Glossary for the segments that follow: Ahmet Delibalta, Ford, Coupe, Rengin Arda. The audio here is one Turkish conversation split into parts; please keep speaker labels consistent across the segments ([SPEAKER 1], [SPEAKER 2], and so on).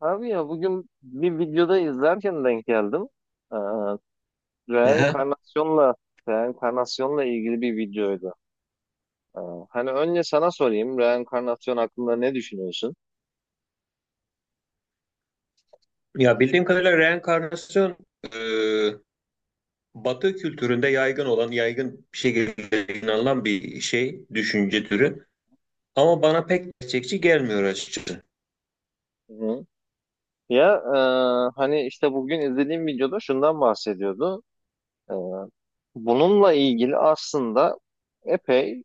[SPEAKER 1] Abi ya bugün bir videoda izlerken denk geldim. Ee,
[SPEAKER 2] Ehe.
[SPEAKER 1] reenkarnasyonla reenkarnasyonla ilgili bir videoydu. Ee, hani önce sana sorayım, reenkarnasyon hakkında ne düşünüyorsun?
[SPEAKER 2] Ya bildiğim kadarıyla reenkarnasyon e, Batı kültüründe yaygın olan, yaygın bir şekilde inanılan bir şey, düşünce türü. Ama bana pek gerçekçi gelmiyor açıkçası.
[SPEAKER 1] Hı. Ya, hani işte bugün izlediğim videoda şundan bahsediyordu. Ee, bununla ilgili aslında epey,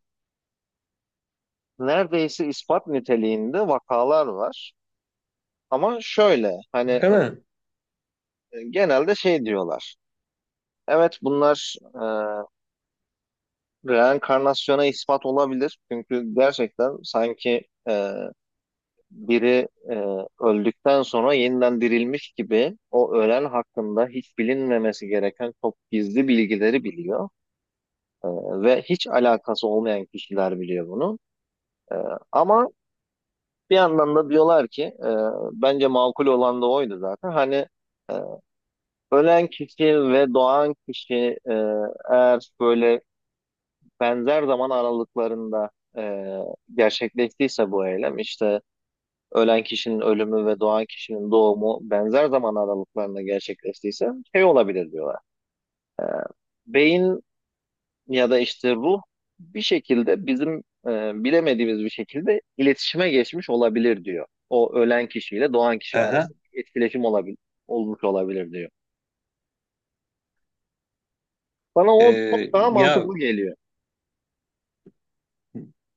[SPEAKER 1] neredeyse ispat niteliğinde vakalar var. Ama şöyle hani
[SPEAKER 2] Değil mi?
[SPEAKER 1] genelde şey diyorlar. Evet, bunlar e, reenkarnasyona ispat olabilir. Çünkü gerçekten sanki biri öldükten sonra yeniden dirilmiş gibi o ölen hakkında hiç bilinmemesi gereken çok gizli bilgileri biliyor. E, ve hiç alakası olmayan kişiler biliyor bunu. E, ama bir yandan da diyorlar ki bence makul olan da oydu zaten. Hani e, ölen kişi ve doğan kişi, e, eğer böyle benzer zaman aralıklarında gerçekleştiyse bu eylem, işte ölen kişinin ölümü ve doğan kişinin doğumu benzer zaman aralıklarında gerçekleştiyse şey olabilir diyorlar. Beyin ya da işte ruh bir şekilde bizim bilemediğimiz bir şekilde iletişime geçmiş olabilir diyor. O ölen kişiyle doğan kişi
[SPEAKER 2] Aha.
[SPEAKER 1] arasında etkileşim olabilir, olmuş olabilir diyor. Bana o çok
[SPEAKER 2] E,
[SPEAKER 1] daha
[SPEAKER 2] ya
[SPEAKER 1] mantıklı geliyor.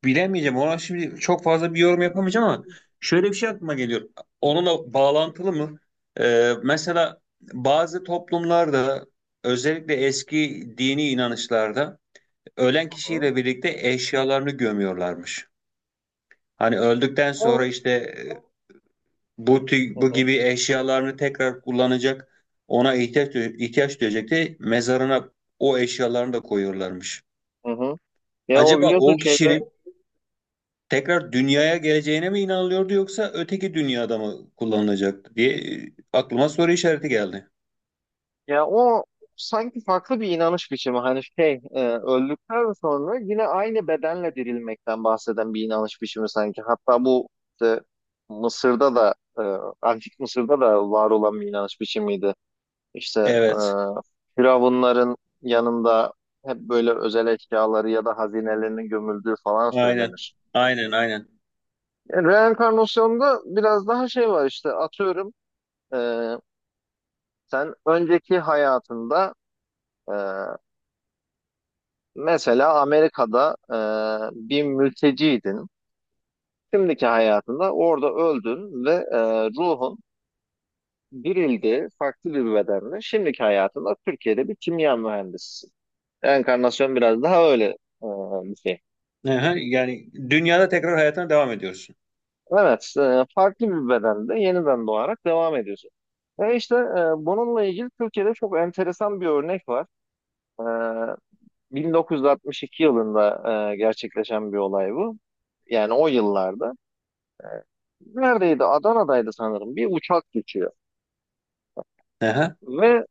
[SPEAKER 2] bilemeyeceğim. Ona şimdi çok fazla bir yorum yapamayacağım ama şöyle bir şey aklıma geliyor. Onunla bağlantılı mı? E, mesela bazı toplumlarda özellikle eski dini inanışlarda ölen
[SPEAKER 1] Hı hı.
[SPEAKER 2] kişiyle birlikte eşyalarını gömüyorlarmış. Hani öldükten sonra
[SPEAKER 1] O,
[SPEAKER 2] işte e,
[SPEAKER 1] hı
[SPEAKER 2] bu
[SPEAKER 1] hı,
[SPEAKER 2] gibi eşyalarını tekrar kullanacak, ona ihtiyaç duyacak diye mezarına o eşyalarını da koyuyorlarmış.
[SPEAKER 1] hı hı. Ya o
[SPEAKER 2] Acaba
[SPEAKER 1] biliyorsun
[SPEAKER 2] o
[SPEAKER 1] şeyde,
[SPEAKER 2] kişinin tekrar dünyaya geleceğine mi inanılıyordu yoksa öteki dünyada mı kullanılacaktı diye aklıma soru işareti geldi.
[SPEAKER 1] ya o sanki farklı bir inanış biçimi. Hani şey, öldükten sonra yine aynı bedenle dirilmekten bahseden bir inanış biçimi sanki. Hatta bu işte Mısır'da da, Antik Mısır'da da var olan bir inanış biçimiydi. İşte e,
[SPEAKER 2] Evet.
[SPEAKER 1] firavunların yanında hep böyle özel eşyaları ya da hazinelerinin gömüldüğü falan
[SPEAKER 2] Aynen.
[SPEAKER 1] söylenir.
[SPEAKER 2] Aynen, aynen.
[SPEAKER 1] Yani reenkarnasyonda biraz daha şey var, işte atıyorum, e, sen önceki hayatında e, mesela Amerika'da bir mülteciydin. Şimdiki hayatında orada öldün ve ruhun dirildi farklı bir bedenle. Şimdiki hayatında Türkiye'de bir kimya mühendisisin. Enkarnasyon biraz daha öyle e, bir şey.
[SPEAKER 2] Aha, yani dünyada tekrar hayatına devam ediyorsun.
[SPEAKER 1] Evet, farklı bir bedende yeniden doğarak devam ediyorsun. Ve işte bununla ilgili Türkiye'de çok enteresan bir örnek var. E, 1962 yılında gerçekleşen bir olay bu. Yani o yıllarda. Neredeydi? Adana'daydı sanırım. Bir uçak geçiyor.
[SPEAKER 2] Aha.
[SPEAKER 1] Ve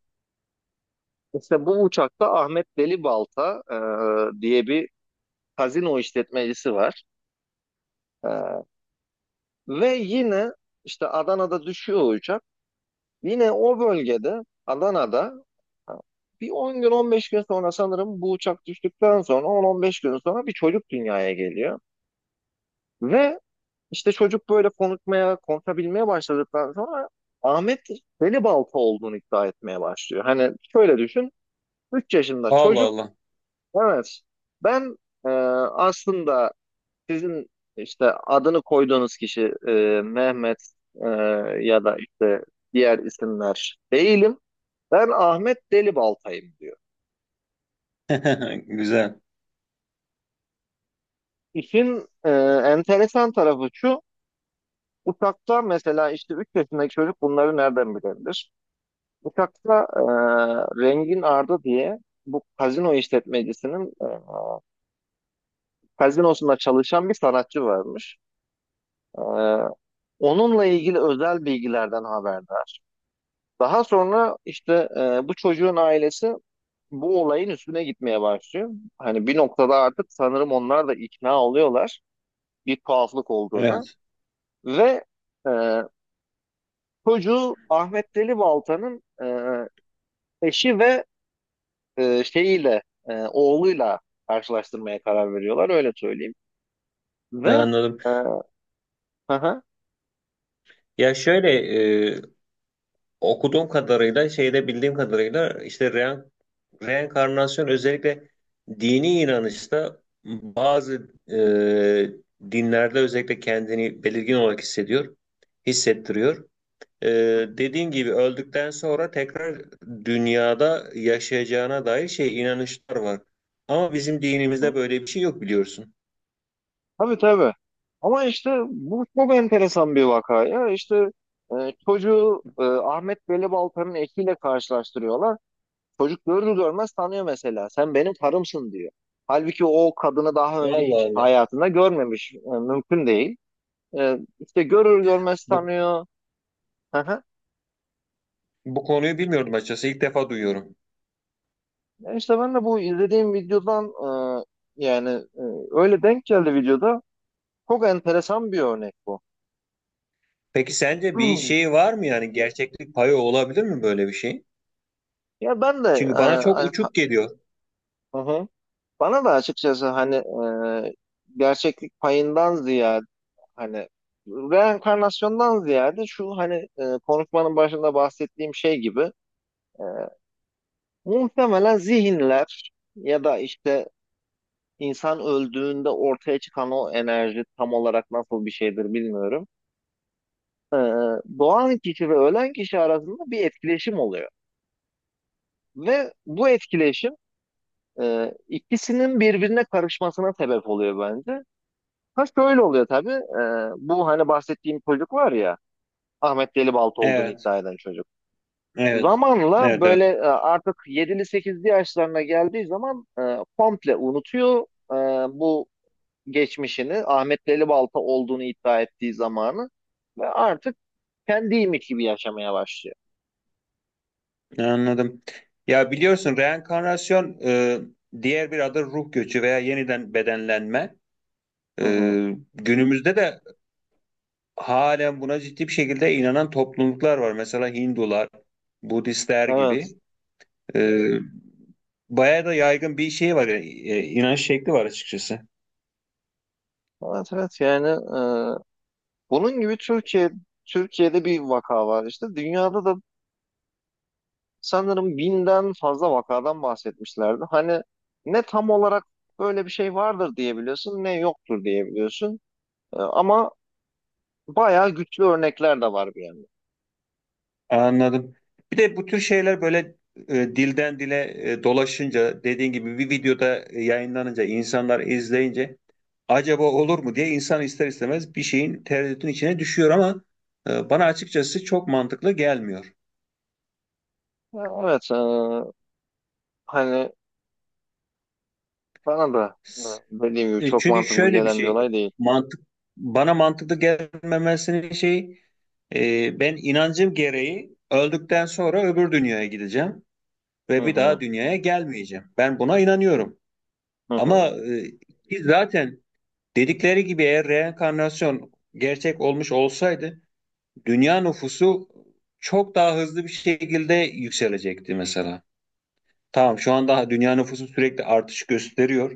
[SPEAKER 1] işte bu uçakta Ahmet Delibalta diye bir kazino işletmecisi var. E, ve yine işte Adana'da düşüyor o uçak. Yine o bölgede Adana'da e, bir 10 gün 15 gün sonra, sanırım bu uçak düştükten sonra 10-15 gün sonra bir çocuk dünyaya geliyor. Ve işte çocuk böyle konuşabilmeye başladıktan sonra Ahmet Delibalta olduğunu iddia etmeye başlıyor. Hani şöyle düşün. 3 yaşında
[SPEAKER 2] Allah
[SPEAKER 1] çocuk.
[SPEAKER 2] Allah.
[SPEAKER 1] Evet. Ben e, aslında sizin işte adını koyduğunuz kişi, Mehmet e, ya da işte diğer isimler değilim. Ben Ahmet Delibaltay'ım diyor.
[SPEAKER 2] Güzel.
[SPEAKER 1] İşin enteresan tarafı şu. Uçakta mesela, işte 3 yaşındaki çocuk bunları nereden bilebilir? Uçakta Rengin Arda diye bu kazino işletmecisinin kazinosunda çalışan bir sanatçı varmış. Ee, onunla ilgili özel bilgilerden haberdar. Daha sonra işte bu çocuğun ailesi bu olayın üstüne gitmeye başlıyor. Hani bir noktada artık sanırım onlar da ikna oluyorlar bir tuhaflık olduğuna.
[SPEAKER 2] Evet,
[SPEAKER 1] Ve e, çocuğu Ahmet Deli Balta'nın eşi ve e, şeyiyle, oğluyla karşılaştırmaya karar veriyorlar, öyle söyleyeyim. Ve
[SPEAKER 2] anladım.
[SPEAKER 1] e, hı hı.
[SPEAKER 2] Ya şöyle e, Okuduğum kadarıyla, şeyde bildiğim kadarıyla işte reenkarnasyon özellikle dini inanışta bazı dinlerde özellikle kendini belirgin olarak hissediyor, hissettiriyor. E, dediğin gibi öldükten sonra tekrar dünyada yaşayacağına dair şey inanışlar var. Ama bizim dinimizde böyle bir şey yok biliyorsun.
[SPEAKER 1] Tabii tabii. Ama işte bu çok enteresan bir vaka ya. İşte çocuğu Ahmet Velibalta'nın ekiyle karşılaştırıyorlar. Çocuk görür görmez tanıyor mesela. Sen benim karımsın diyor. Halbuki o kadını daha önce
[SPEAKER 2] Allah
[SPEAKER 1] hiç
[SPEAKER 2] Allah.
[SPEAKER 1] hayatında görmemiş. E, mümkün değil. E, işte görür görmez
[SPEAKER 2] Bu,
[SPEAKER 1] tanıyor. Hı hı.
[SPEAKER 2] bu konuyu bilmiyordum açıkçası. İlk defa duyuyorum.
[SPEAKER 1] İşte ben de bu izlediğim videodan, e, yani e, öyle denk geldi videoda. Çok enteresan bir örnek bu.
[SPEAKER 2] Peki sence bir
[SPEAKER 1] Hı.
[SPEAKER 2] şey var mı, yani gerçeklik payı olabilir mi böyle bir şey?
[SPEAKER 1] Ya ben de
[SPEAKER 2] Çünkü
[SPEAKER 1] e,
[SPEAKER 2] bana çok
[SPEAKER 1] hani-
[SPEAKER 2] uçuk geliyor.
[SPEAKER 1] Hı hı. Bana da açıkçası hani e, gerçeklik payından ziyade, hani reenkarnasyondan ziyade şu, hani konuşmanın başında bahsettiğim şey gibi e, muhtemelen zihinler ya da işte insan öldüğünde ortaya çıkan o enerji tam olarak nasıl bir şeydir bilmiyorum. Doğan kişi ve ölen kişi arasında bir etkileşim oluyor. Ve bu etkileşim ikisinin birbirine karışmasına sebep oluyor bence. Ha şöyle oluyor tabii. Bu hani bahsettiğim çocuk var ya, Ahmet Delibaltı olduğunu
[SPEAKER 2] Evet,
[SPEAKER 1] iddia eden çocuk.
[SPEAKER 2] evet,
[SPEAKER 1] Zamanla
[SPEAKER 2] evet,
[SPEAKER 1] böyle
[SPEAKER 2] evet.
[SPEAKER 1] artık yedili sekizli yaşlarına geldiği zaman komple unutuyor e, bu geçmişini. Ahmet Delibaltı olduğunu iddia ettiği zamanı, ve artık kendiymiş gibi yaşamaya başlıyor.
[SPEAKER 2] Anladım. Ya biliyorsun reenkarnasyon, diğer bir adı ruh göçü veya yeniden bedenlenme.
[SPEAKER 1] Hı
[SPEAKER 2] E,
[SPEAKER 1] hı.
[SPEAKER 2] günümüzde de halen buna ciddi bir şekilde inanan topluluklar var. Mesela Hindular, Budistler
[SPEAKER 1] Evet.
[SPEAKER 2] gibi. E, bayağı da yaygın bir şey var, inanç şekli var açıkçası.
[SPEAKER 1] Evet evet, yani e, bunun gibi Türkiye'de bir vaka var, işte dünyada da sanırım 1000'den fazla vakadan bahsetmişlerdi. Hani ne tam olarak böyle bir şey vardır diyebiliyorsun, ne yoktur diyebiliyorsun. Ama bayağı güçlü örnekler de var bir yandan.
[SPEAKER 2] Anladım. Bir de bu tür şeyler böyle dilden dile dolaşınca, dediğin gibi bir videoda yayınlanınca, insanlar izleyince acaba olur mu diye insan ister istemez bir şeyin, tereddütün içine düşüyor. Ama bana açıkçası çok mantıklı gelmiyor.
[SPEAKER 1] Ya, evet, hani bana da dediğim gibi
[SPEAKER 2] E,
[SPEAKER 1] çok
[SPEAKER 2] çünkü
[SPEAKER 1] mantıklı
[SPEAKER 2] şöyle bir
[SPEAKER 1] gelen bir
[SPEAKER 2] şey,
[SPEAKER 1] olay değil.
[SPEAKER 2] mantık, bana mantıklı gelmemesinin şey, ben inancım gereği öldükten sonra öbür dünyaya gideceğim
[SPEAKER 1] Hı
[SPEAKER 2] ve bir
[SPEAKER 1] hı,
[SPEAKER 2] daha dünyaya gelmeyeceğim. Ben buna inanıyorum.
[SPEAKER 1] hı
[SPEAKER 2] Ama
[SPEAKER 1] hı,
[SPEAKER 2] ki zaten dedikleri gibi eğer reenkarnasyon gerçek olmuş olsaydı dünya nüfusu çok daha hızlı bir şekilde yükselecekti mesela. Tamam, şu an daha dünya nüfusu sürekli artış gösteriyor.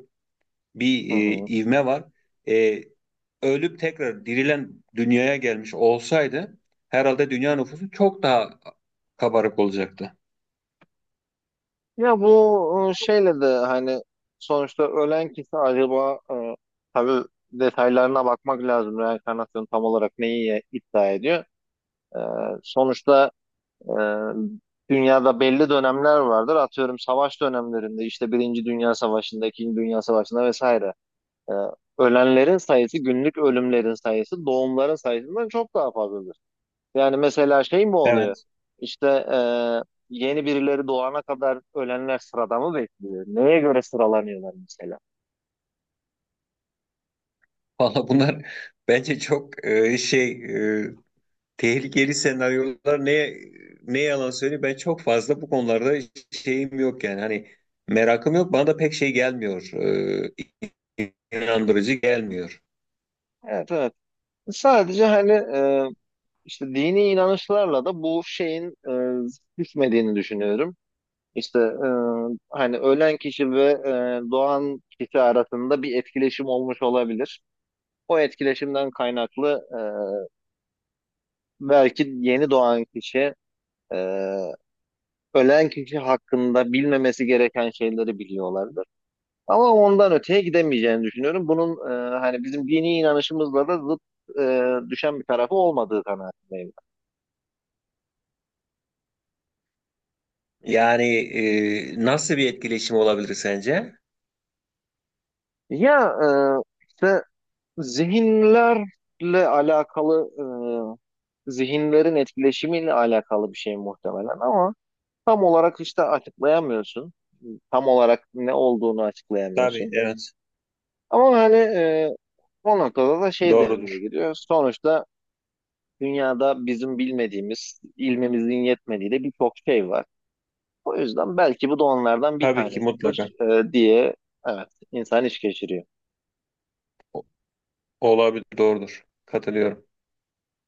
[SPEAKER 2] Bir
[SPEAKER 1] hı hı.
[SPEAKER 2] ivme var. E, ölüp tekrar dirilen dünyaya gelmiş olsaydı herhalde dünya nüfusu çok daha kabarık olacaktı.
[SPEAKER 1] Ya bu şeyle de hani sonuçta ölen kişi acaba, tabii detaylarına bakmak lazım. Reenkarnasyon tam olarak neyi iddia ediyor? Ee, sonuçta Ee, dünyada belli dönemler vardır. Atıyorum savaş dönemlerinde, işte Birinci Dünya Savaşı'nda, İkinci Dünya Savaşı'nda vesaire. Ee, ölenlerin sayısı, günlük ölümlerin sayısı, doğumların sayısından çok daha fazladır. Yani mesela şey mi oluyor?
[SPEAKER 2] Evet.
[SPEAKER 1] İşte e, yeni birileri doğana kadar ölenler sırada mı bekliyor? Neye göre sıralanıyorlar mesela?
[SPEAKER 2] Valla bunlar bence çok e, tehlikeli senaryolar. Ne yalan söyleyeyim, ben çok fazla bu konularda şeyim yok, yani hani merakım yok, bana da pek şey gelmiyor, inandırıcı gelmiyor.
[SPEAKER 1] Evet, evet. Sadece hani işte dini inanışlarla da bu şeyin düşmediğini düşünüyorum. İşte hani ölen kişi ve doğan kişi arasında bir etkileşim olmuş olabilir. O etkileşimden kaynaklı, belki yeni doğan kişi e, ölen kişi hakkında bilmemesi gereken şeyleri biliyorlardır. Ama ondan öteye gidemeyeceğini düşünüyorum. Bunun hani bizim dini inanışımızla da zıt düşen bir tarafı olmadığı kanaatindeyim.
[SPEAKER 2] Yani nasıl bir etkileşim olabilir sence?
[SPEAKER 1] Ya, işte zihinlerle alakalı, zihinlerin etkileşimiyle alakalı bir şey muhtemelen, ama tam olarak işte açıklayamıyorsun. Tam olarak ne olduğunu
[SPEAKER 2] Tabii,
[SPEAKER 1] açıklayamıyorsun.
[SPEAKER 2] evet,
[SPEAKER 1] Ama hani o noktada da şey devreye
[SPEAKER 2] doğrudur.
[SPEAKER 1] giriyor. Sonuçta dünyada bizim bilmediğimiz, ilmimizin yetmediği de birçok şey var. O yüzden belki bu da onlardan bir
[SPEAKER 2] Tabii ki mutlaka
[SPEAKER 1] tanesidir diye evet insan iş geçiriyor.
[SPEAKER 2] O- olabilir, doğrudur. Katılıyorum.